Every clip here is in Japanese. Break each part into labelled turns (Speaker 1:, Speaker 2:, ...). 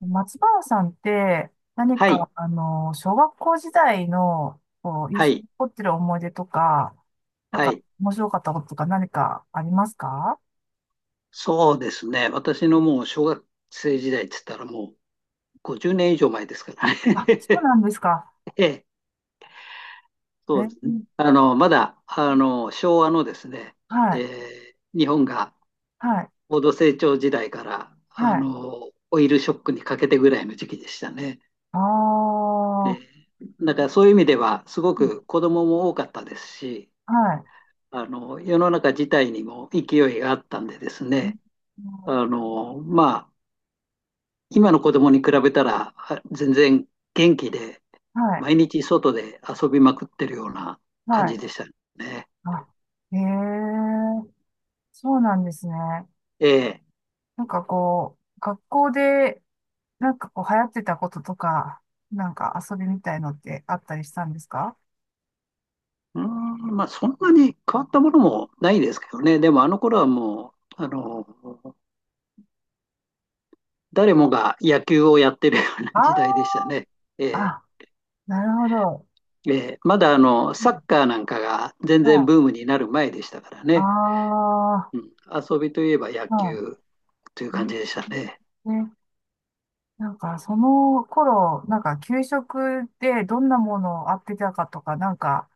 Speaker 1: 松原さんって何
Speaker 2: はい、
Speaker 1: か、小学校時代の、こう、印
Speaker 2: は
Speaker 1: 象に
Speaker 2: い、
Speaker 1: 残ってる思い出とか、なん
Speaker 2: は
Speaker 1: か、
Speaker 2: い。
Speaker 1: 面白かったこととか何かありますか？
Speaker 2: そうですね。私のもう小学生時代って言ったらもう50年以上前ですから
Speaker 1: あ、そう
Speaker 2: ね。
Speaker 1: なんですか。
Speaker 2: ええ、そ
Speaker 1: え
Speaker 2: うですね。
Speaker 1: ー
Speaker 2: まだ、昭和のですね、
Speaker 1: は
Speaker 2: え
Speaker 1: い、
Speaker 2: え、日本が
Speaker 1: はい、
Speaker 2: 高度成長時代から、
Speaker 1: はい。
Speaker 2: オイルショックにかけてぐらいの時期でしたね。
Speaker 1: ああ、
Speaker 2: え
Speaker 1: は
Speaker 2: え、だからそういう意味では、すごく子供も多かったですし、
Speaker 1: い、
Speaker 2: 世の中自体にも勢いがあったんでです
Speaker 1: うん、
Speaker 2: ね、まあ、今の子供に比べたら、全然元気で、
Speaker 1: はい、
Speaker 2: 毎日外で遊びまくってるような
Speaker 1: は
Speaker 2: 感じ
Speaker 1: い。
Speaker 2: でしたね。
Speaker 1: あ、へえ、そうなんですね。
Speaker 2: ええ。
Speaker 1: なんかこう、学校で、なんかこう流行ってたこととか、なんか遊びみたいのってあったりしたんですか？
Speaker 2: うーん、まあ、そんなに変わったものもないですけどね。でも、あの頃はもう、誰もが野球をやってるような
Speaker 1: あ
Speaker 2: 時代でしたね。え
Speaker 1: あー、
Speaker 2: え。
Speaker 1: あ、なるほど。
Speaker 2: ええ、まだ
Speaker 1: う
Speaker 2: サッ
Speaker 1: ん、
Speaker 2: カーなんかが全
Speaker 1: は
Speaker 2: 然
Speaker 1: い。
Speaker 2: ブームになる前でしたからね、
Speaker 1: あ
Speaker 2: うん、遊びといえば野
Speaker 1: あ、は
Speaker 2: 球という
Speaker 1: い。ね、
Speaker 2: 感じでしたね。
Speaker 1: ね、なんかその頃、なんか給食でどんなものをあってたかとか、なんか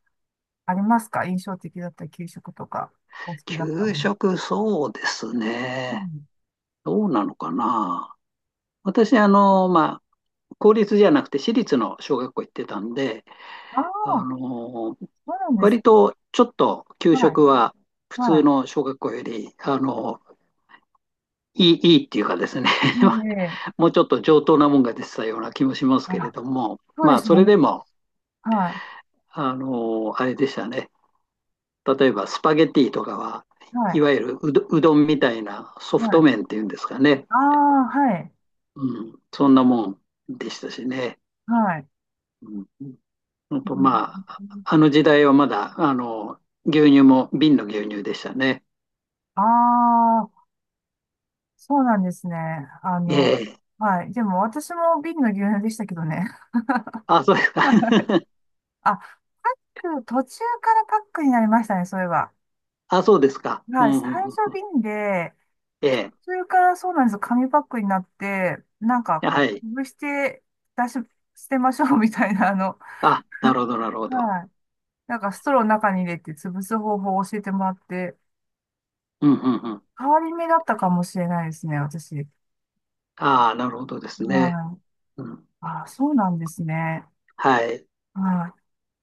Speaker 1: ありますか、印象的だった給食とか、お好きだった
Speaker 2: 給
Speaker 1: もの。
Speaker 2: 食、そうです
Speaker 1: う
Speaker 2: ね。
Speaker 1: ん。
Speaker 2: どうなのかな。私、まあ、公立じゃなくて私立の小学校行ってたんで、
Speaker 1: あ
Speaker 2: あ
Speaker 1: あ、
Speaker 2: の、
Speaker 1: そうなんです。
Speaker 2: 割とちょっと給
Speaker 1: はい。
Speaker 2: 食は普
Speaker 1: は
Speaker 2: 通
Speaker 1: い。
Speaker 2: の小学校より、いいっていうかですね
Speaker 1: ね え、
Speaker 2: もうちょっと上等なもんが出てたような気もします
Speaker 1: あ
Speaker 2: けれ
Speaker 1: ら、
Speaker 2: ども、
Speaker 1: そう
Speaker 2: ま
Speaker 1: で
Speaker 2: あ、
Speaker 1: す
Speaker 2: そ
Speaker 1: よ
Speaker 2: れ
Speaker 1: ね。
Speaker 2: でも、
Speaker 1: は
Speaker 2: あれでしたね。例えばスパゲティとかは、
Speaker 1: い。は
Speaker 2: い
Speaker 1: い。
Speaker 2: わゆるうどんみたいなソ
Speaker 1: は
Speaker 2: フト
Speaker 1: い。
Speaker 2: 麺っていうんですかね。
Speaker 1: ああ、はい、
Speaker 2: うん、そんなもんでしたしね。
Speaker 1: はい。
Speaker 2: うんうんと、まあ、あの時代はまだ、牛乳も瓶の牛乳でしたね。
Speaker 1: ああー、そうなんですね。あ
Speaker 2: え
Speaker 1: の、
Speaker 2: え。
Speaker 1: はい。でも私も瓶の牛乳でしたけどね。
Speaker 2: あ、そうです か。
Speaker 1: はい。 あ、パック、途中からパックになりましたね、そういえば。
Speaker 2: あ、そうですか。う
Speaker 1: はい、
Speaker 2: ん
Speaker 1: 最
Speaker 2: うんう
Speaker 1: 初
Speaker 2: ん、
Speaker 1: 瓶で、途
Speaker 2: え
Speaker 1: 中からそうなんですよ、紙パックになって、なんか
Speaker 2: え。は
Speaker 1: こ
Speaker 2: い。
Speaker 1: う、潰して、出し、捨てましょうみたいな、
Speaker 2: あ、なるほど、なるほど。
Speaker 1: はい。なんかストローの中に入れて潰す方法を教えてもらって、
Speaker 2: うんうんうん。
Speaker 1: 変わり目だったかもしれないですね、私。
Speaker 2: ああ、なるほどですね。
Speaker 1: はい。
Speaker 2: うん。
Speaker 1: ああ、そうなんですね。
Speaker 2: はい。
Speaker 1: は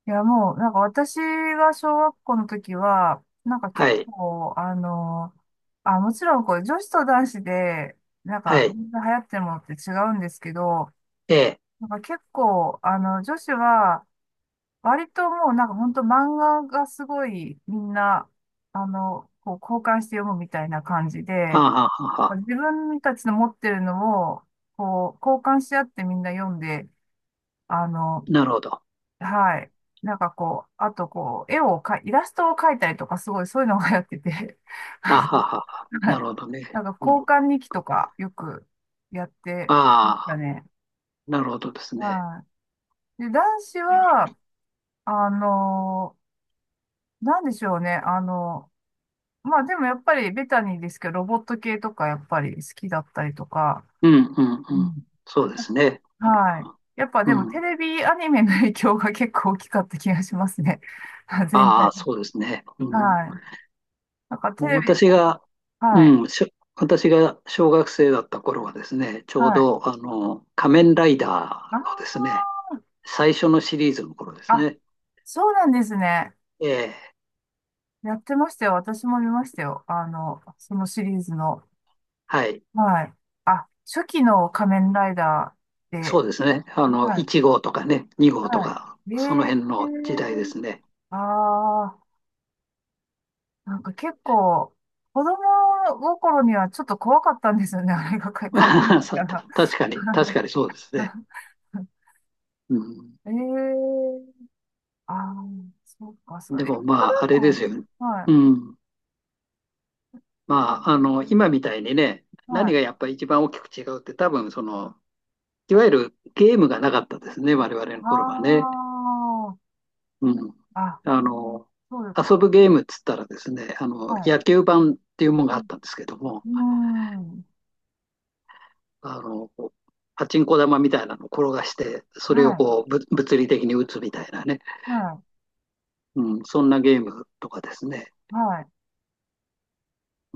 Speaker 1: い。いや、もう、なんか私が小学校の時は、なんか
Speaker 2: は
Speaker 1: 結
Speaker 2: い。
Speaker 1: 構、あ、もちろん、こう、女子と男子で、なん
Speaker 2: は
Speaker 1: か、
Speaker 2: い。
Speaker 1: 流行ってるものって違うんですけど、
Speaker 2: ええ。
Speaker 1: なんか結構、女子は、割ともう、なんか本当漫画がすごい、みんな、こう、交換して読むみたいな感じ
Speaker 2: は
Speaker 1: で、
Speaker 2: あ、はあはあ
Speaker 1: なんか
Speaker 2: は
Speaker 1: 自
Speaker 2: あ、
Speaker 1: 分たちの持ってるのを、こう、交換し合ってみんな読んで、あの、
Speaker 2: なるほど。
Speaker 1: はい。なんかこう、あとこう、絵をかい、イラストを描いたりとか、すごいそういうのがやってて、
Speaker 2: あ、はあはあはあ、
Speaker 1: は
Speaker 2: な
Speaker 1: い。
Speaker 2: るほどね。
Speaker 1: なんか
Speaker 2: うん。
Speaker 1: 交
Speaker 2: あ
Speaker 1: 換日記とかよくやってました
Speaker 2: あ、
Speaker 1: ね。
Speaker 2: なるほどですね。
Speaker 1: はい。で、男子は、あのーなんでしょうね。まあでもやっぱりベタにですけど、ロボット系とかやっぱり好きだったりとか、
Speaker 2: うんうん
Speaker 1: う
Speaker 2: うん。
Speaker 1: ん。
Speaker 2: そうですね。なるほ
Speaker 1: はい。
Speaker 2: ど。
Speaker 1: やっぱでも
Speaker 2: う
Speaker 1: テ
Speaker 2: ん。
Speaker 1: レビアニメの影響が結構大きかった気がしますね。全
Speaker 2: あ
Speaker 1: 体。
Speaker 2: あ、そうですね。うん
Speaker 1: はい。なんかテレビ、
Speaker 2: 私が、
Speaker 1: はい。
Speaker 2: うん、しょ私が小学生だった頃はですね、ちょう
Speaker 1: はい。
Speaker 2: ど、仮面ライダ
Speaker 1: あー、
Speaker 2: ーのですね、最初のシリーズの頃です
Speaker 1: あ、
Speaker 2: ね。
Speaker 1: そうなんですね。
Speaker 2: ええ、
Speaker 1: やってましたよ。私も見ましたよ。あの、そのシリーズの。
Speaker 2: はい。
Speaker 1: はい。あ、初期の仮面ライダーで。
Speaker 2: そうですね。
Speaker 1: はい。
Speaker 2: 1号とかね、2号と
Speaker 1: は
Speaker 2: か、
Speaker 1: い。え
Speaker 2: その辺
Speaker 1: え
Speaker 2: の時代で
Speaker 1: ー。
Speaker 2: すね。
Speaker 1: ああ、なんか結構、子供心にはちょっと怖かったんですよね。あれが仮仮面 ライ
Speaker 2: さ
Speaker 1: ダー
Speaker 2: た
Speaker 1: が。
Speaker 2: 確かに、確
Speaker 1: は
Speaker 2: かにそうですね。うん、
Speaker 1: い、ええー。ああ、そうか、そう。
Speaker 2: で
Speaker 1: えル
Speaker 2: もま
Speaker 1: ト
Speaker 2: あ、あ
Speaker 1: ラ
Speaker 2: れ
Speaker 1: マ
Speaker 2: ですよ
Speaker 1: ン。
Speaker 2: ね。
Speaker 1: はい。
Speaker 2: うん。まあ、今みたいにね、
Speaker 1: は
Speaker 2: 何が
Speaker 1: い。
Speaker 2: やっぱり一番大きく違うって多分、いわゆるゲームがなかったですね、我々の頃はね。
Speaker 1: あ
Speaker 2: うん。
Speaker 1: あ、あ、
Speaker 2: あの、
Speaker 1: そうで
Speaker 2: 遊
Speaker 1: す。
Speaker 2: ぶゲームっつったらですね、
Speaker 1: はい。
Speaker 2: 野球盤っていうもの
Speaker 1: う
Speaker 2: があっ
Speaker 1: ん。
Speaker 2: たんですけども、
Speaker 1: うん、
Speaker 2: こうパチンコ玉みたいなのを転がして、それを
Speaker 1: はい。
Speaker 2: こう、物理的に打つみたいなね、
Speaker 1: は
Speaker 2: うん、そんなゲームとかですね。
Speaker 1: い。はい。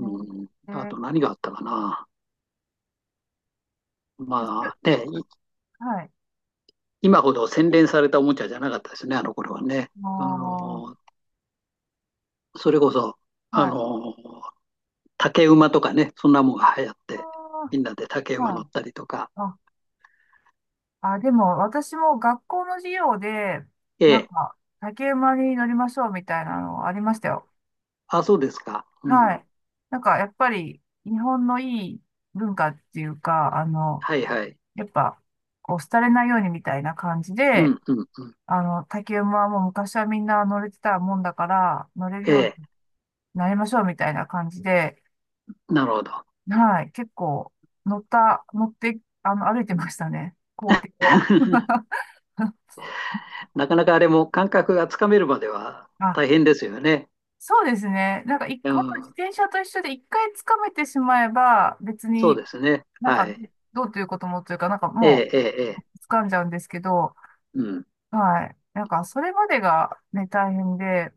Speaker 1: うん、
Speaker 2: ん、
Speaker 1: え
Speaker 2: あ
Speaker 1: ー、
Speaker 2: と何があったかな。
Speaker 1: そし
Speaker 2: ま
Speaker 1: て、
Speaker 2: あね、い
Speaker 1: はい。
Speaker 2: 今ほど洗練されたおもちゃじゃなかったですね、あの頃はね。
Speaker 1: ああ、は
Speaker 2: それこそ、あ
Speaker 1: い。
Speaker 2: の、竹馬とかね、そんなもんが流行って、み
Speaker 1: あ
Speaker 2: んなで竹
Speaker 1: あ、
Speaker 2: 馬乗
Speaker 1: は
Speaker 2: っ
Speaker 1: い。
Speaker 2: たりとか。
Speaker 1: あ、あ、でも、私も学校の授業で、
Speaker 2: え
Speaker 1: なん
Speaker 2: え。
Speaker 1: か、竹馬に乗りましょうみたいなのありましたよ。
Speaker 2: あ、そうですか。う
Speaker 1: は
Speaker 2: ん。
Speaker 1: い。なんか、やっぱり、日本のいい文化っていうか、
Speaker 2: はいはい。
Speaker 1: やっぱ、こう、廃れないようにみたいな感じ
Speaker 2: う
Speaker 1: で、
Speaker 2: んうんうん。
Speaker 1: 竹馬はもう昔はみんな乗れてたもんだから、乗れる
Speaker 2: え
Speaker 1: よう
Speaker 2: え。
Speaker 1: になりましょうみたいな感じで、
Speaker 2: なるほど。
Speaker 1: はい、結構乗って、あの、歩いてましたね、校庭を。
Speaker 2: なかなかあれも感覚がつかめるまでは
Speaker 1: あ、
Speaker 2: 大変ですよね。
Speaker 1: そうですね。なんか、い、
Speaker 2: う
Speaker 1: 本当自
Speaker 2: ん。
Speaker 1: 転車と一緒で一回掴めてしまえば、別
Speaker 2: そう
Speaker 1: に
Speaker 2: ですね。
Speaker 1: なん
Speaker 2: は
Speaker 1: か、
Speaker 2: い。
Speaker 1: どうということもというか、なんか
Speaker 2: え
Speaker 1: も
Speaker 2: え、ええ、ええ。
Speaker 1: う掴んじゃうんですけど、
Speaker 2: うん。
Speaker 1: はい。なんか、それまでがね、大変で、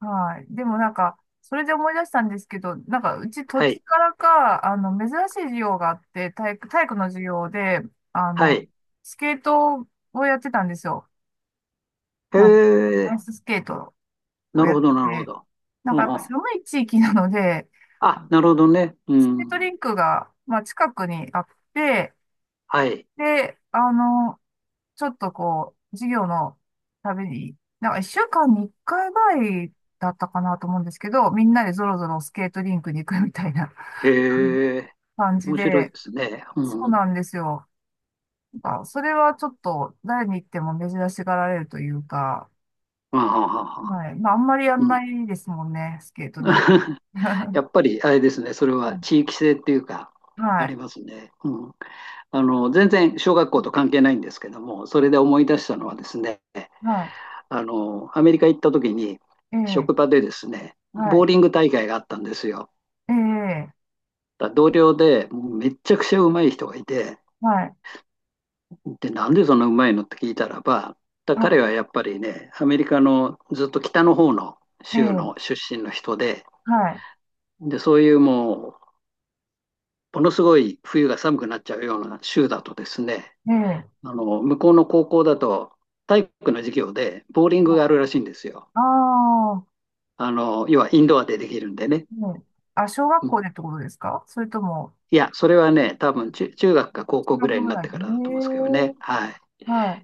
Speaker 1: はい。でもなんか、それで思い出したんですけど、なんか、うち土
Speaker 2: は
Speaker 1: 地
Speaker 2: い。
Speaker 1: からか、珍しい授業があって、体育の授業で、あ
Speaker 2: は
Speaker 1: の、
Speaker 2: い。
Speaker 1: スケートをやってたんですよ。
Speaker 2: へ
Speaker 1: あの、アイ
Speaker 2: え。
Speaker 1: ススケートを
Speaker 2: なる
Speaker 1: やっ
Speaker 2: ほ
Speaker 1: て
Speaker 2: ど、なるほ
Speaker 1: て、
Speaker 2: ど。
Speaker 1: なん
Speaker 2: う
Speaker 1: かやっぱ
Speaker 2: ん。
Speaker 1: 寒い地域なので、
Speaker 2: あ、なるほどね。う
Speaker 1: スケートリ
Speaker 2: ん。
Speaker 1: ンクが、まあ、近くにあって、
Speaker 2: はい。
Speaker 1: で、ちょっとこう、授業のために、なんか一週間に一回ぐらいだったかなと思うんですけど、みんなでぞろぞろスケートリンクに行くみたいな。
Speaker 2: へえ。
Speaker 1: 感じ
Speaker 2: 面白いで
Speaker 1: で、
Speaker 2: すね。
Speaker 1: そ
Speaker 2: う
Speaker 1: う
Speaker 2: ん。
Speaker 1: なんですよ。なんか、それはちょっと誰に言っても珍しがられるというか、
Speaker 2: あははは。
Speaker 1: はい。まあ、あんまりやん
Speaker 2: うん。
Speaker 1: ないですもんね、スケートなんて。
Speaker 2: や っぱりあれですね、それは地域性っていうか、
Speaker 1: は
Speaker 2: あり
Speaker 1: い。
Speaker 2: ますね。うん、全然小学校と関係ないんですけども、それで思い出したのはですね、
Speaker 1: は
Speaker 2: アメリカ行った時に、
Speaker 1: い。ええ、
Speaker 2: 職場でですね、
Speaker 1: は
Speaker 2: ボー
Speaker 1: い。
Speaker 2: リング大会があったんですよ。
Speaker 1: ええ、
Speaker 2: 同僚でもうめっちゃくちゃうまい人がいて、
Speaker 1: はい。
Speaker 2: で、なんでそんなうまいのって聞いたらば、彼
Speaker 1: は
Speaker 2: はやっぱりね、アメリカのずっと北の方の
Speaker 1: い。え
Speaker 2: 州
Speaker 1: え、
Speaker 2: の出身の人で、
Speaker 1: はい。
Speaker 2: で、そういうもものすごい冬が寒くなっちゃうような州だとですね、
Speaker 1: ええ、
Speaker 2: 向こうの高校だと体育の授業でボーリングがあるらしいんですよ。
Speaker 1: ああー、
Speaker 2: 要はインドアでできるんでね。
Speaker 1: うん、あ、小学
Speaker 2: うん、
Speaker 1: 校でってことですかそれとも、
Speaker 2: いや、それはね、多分中学か高
Speaker 1: 中
Speaker 2: 校ぐ
Speaker 1: 学
Speaker 2: らいに
Speaker 1: ぐ
Speaker 2: なっ
Speaker 1: らい
Speaker 2: て
Speaker 1: で。え
Speaker 2: からだと思うんですけど
Speaker 1: え、
Speaker 2: ね。はい。
Speaker 1: は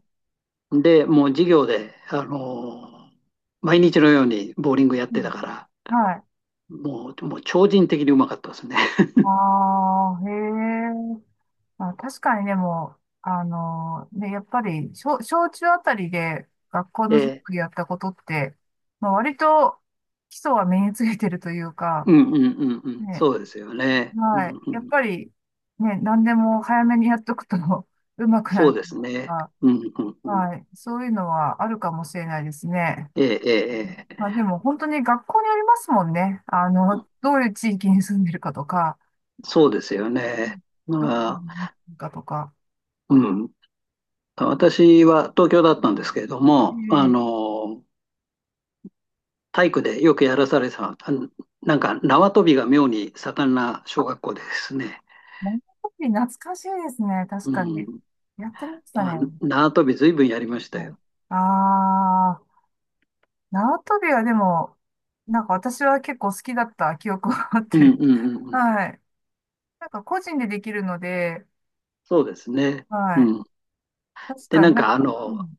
Speaker 2: で、もう授業で、毎日のようにボーリングやっ
Speaker 1: い。う
Speaker 2: て
Speaker 1: ん、
Speaker 2: たから、
Speaker 1: はい。
Speaker 2: もう、もう超人的にうまかったですね。
Speaker 1: ああ、へえ。まあ、確かにでも、あのね、やっぱり、小、小中あたりで学校
Speaker 2: え
Speaker 1: の授
Speaker 2: ー
Speaker 1: 業やったことって、まあ、割と基礎は身についてるというか、
Speaker 2: うんうんうんうん。
Speaker 1: ね、
Speaker 2: そうですよね。う
Speaker 1: は
Speaker 2: ん
Speaker 1: い。
Speaker 2: う
Speaker 1: やっ
Speaker 2: ん。
Speaker 1: ぱり、ね、何でも早めにやっとくと 上手くな
Speaker 2: そう
Speaker 1: ると
Speaker 2: で
Speaker 1: いう
Speaker 2: すね。
Speaker 1: か、
Speaker 2: うんうんうん。
Speaker 1: はい。そういうのはあるかもしれないですね。
Speaker 2: ええ、ええ、え
Speaker 1: まあ
Speaker 2: え、
Speaker 1: でも本当に学校によりますもんね。あの、どういう地域に住んでるかとか、
Speaker 2: そうですよ
Speaker 1: う
Speaker 2: ね。
Speaker 1: ん、どこに
Speaker 2: ま
Speaker 1: 住んで
Speaker 2: あ、
Speaker 1: るかとか。
Speaker 2: うん。私は東京だったんですけれども、
Speaker 1: ええ、
Speaker 2: 体育でよくやらされてた、なんか縄跳びが妙に盛んな小学校でですね。
Speaker 1: 跳び懐かしいですね。確
Speaker 2: う
Speaker 1: かに。
Speaker 2: ん。
Speaker 1: やってました
Speaker 2: あ、
Speaker 1: ね。
Speaker 2: 縄跳び随分やりました
Speaker 1: う
Speaker 2: よ。
Speaker 1: ん、ああ、縄跳びはでも、なんか私は結構好きだった記憶があっ
Speaker 2: うんう
Speaker 1: て。
Speaker 2: んうん うん。
Speaker 1: はい。なんか個人でできるので、
Speaker 2: そうですね。
Speaker 1: はい。
Speaker 2: うん。
Speaker 1: 確
Speaker 2: で、
Speaker 1: か
Speaker 2: な
Speaker 1: に
Speaker 2: ん
Speaker 1: なん
Speaker 2: か
Speaker 1: か、うん、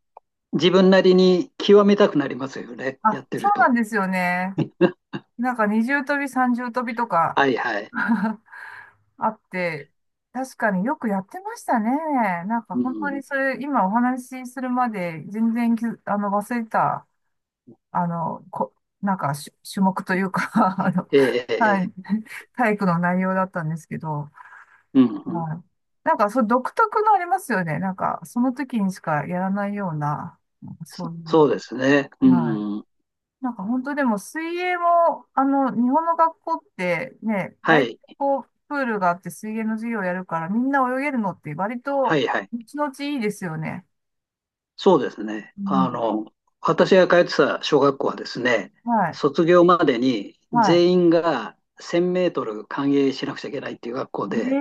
Speaker 2: 自分なりに極めたくなりますよね。や
Speaker 1: あ、
Speaker 2: って
Speaker 1: そ
Speaker 2: る
Speaker 1: うな
Speaker 2: と。
Speaker 1: んですよね。なんか二重跳び、三重跳びとか
Speaker 2: はいはい。
Speaker 1: あって、確かによくやってましたね。なんか
Speaker 2: う
Speaker 1: 本当
Speaker 2: ん。
Speaker 1: にそれ、今お話しするまで全然き忘れてた。あの、こ、なんかし種目というか あの、
Speaker 2: ええ、ええ、え
Speaker 1: は
Speaker 2: え、
Speaker 1: い、体育の内容だったんですけど、
Speaker 2: うんうん。
Speaker 1: はい。なんか、そう、独特のありますよね。なんか、その時にしかやらないような、なんかそ
Speaker 2: そ
Speaker 1: ういう、
Speaker 2: そうですね。う
Speaker 1: はい。
Speaker 2: ん。
Speaker 1: なんか、本当でも、水泳も、あの、日本の学校ってね、
Speaker 2: は
Speaker 1: 大体
Speaker 2: い。
Speaker 1: こう、プールがあって水泳の授業やるから、みんな泳げるのって割
Speaker 2: は
Speaker 1: と、
Speaker 2: いはい。
Speaker 1: 後々いいですよね。
Speaker 2: そうですね。
Speaker 1: うん。
Speaker 2: 私が通ってた小学校はですね、
Speaker 1: はい。
Speaker 2: 卒業までに
Speaker 1: はい。
Speaker 2: 全員が1000メートル歓迎しなくちゃいけないっていう学校
Speaker 1: え
Speaker 2: で、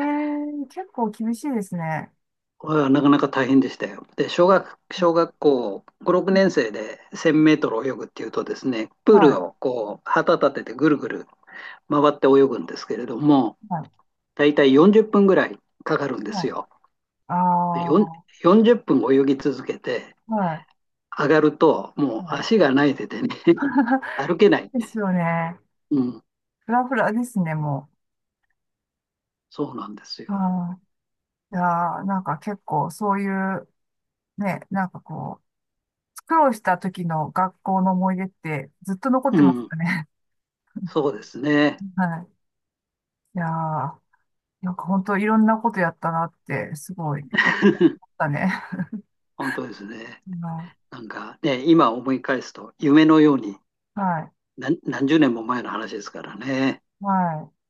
Speaker 1: え、結構厳しいですね。
Speaker 2: これはなかなか大変でしたよ。で、小学校5、6年生で1000メートル泳ぐっていうとですね、プ
Speaker 1: は
Speaker 2: ー
Speaker 1: い、
Speaker 2: ルをこう旗立ててぐるぐる回って泳ぐんですけれども、
Speaker 1: は
Speaker 2: だいたい40分ぐらいかかるんで
Speaker 1: い、は
Speaker 2: す
Speaker 1: い。
Speaker 2: よ。
Speaker 1: ああ、
Speaker 2: で
Speaker 1: は
Speaker 2: 40分泳ぎ続けて、
Speaker 1: い、
Speaker 2: 上がると、もう
Speaker 1: は
Speaker 2: 足がないててね、
Speaker 1: い。
Speaker 2: 歩けない
Speaker 1: です
Speaker 2: ね。
Speaker 1: よね。
Speaker 2: うん、
Speaker 1: フラフラですね、も
Speaker 2: そうなんです
Speaker 1: う。
Speaker 2: よ。
Speaker 1: あー、いやー、なんか結構そういう、ね、なんかこう、苦労した時の学校の思い出ってずっと残っ
Speaker 2: う
Speaker 1: てます
Speaker 2: ん、
Speaker 1: よね。
Speaker 2: そうですね。
Speaker 1: はい。いやー、なんか本当いろんなことやったなって、すごい思っ たね。
Speaker 2: 本当ですね。
Speaker 1: は
Speaker 2: なんかね、今思い返すと、夢のように
Speaker 1: い、はい、
Speaker 2: 何十年も前の話ですからね。
Speaker 1: はい。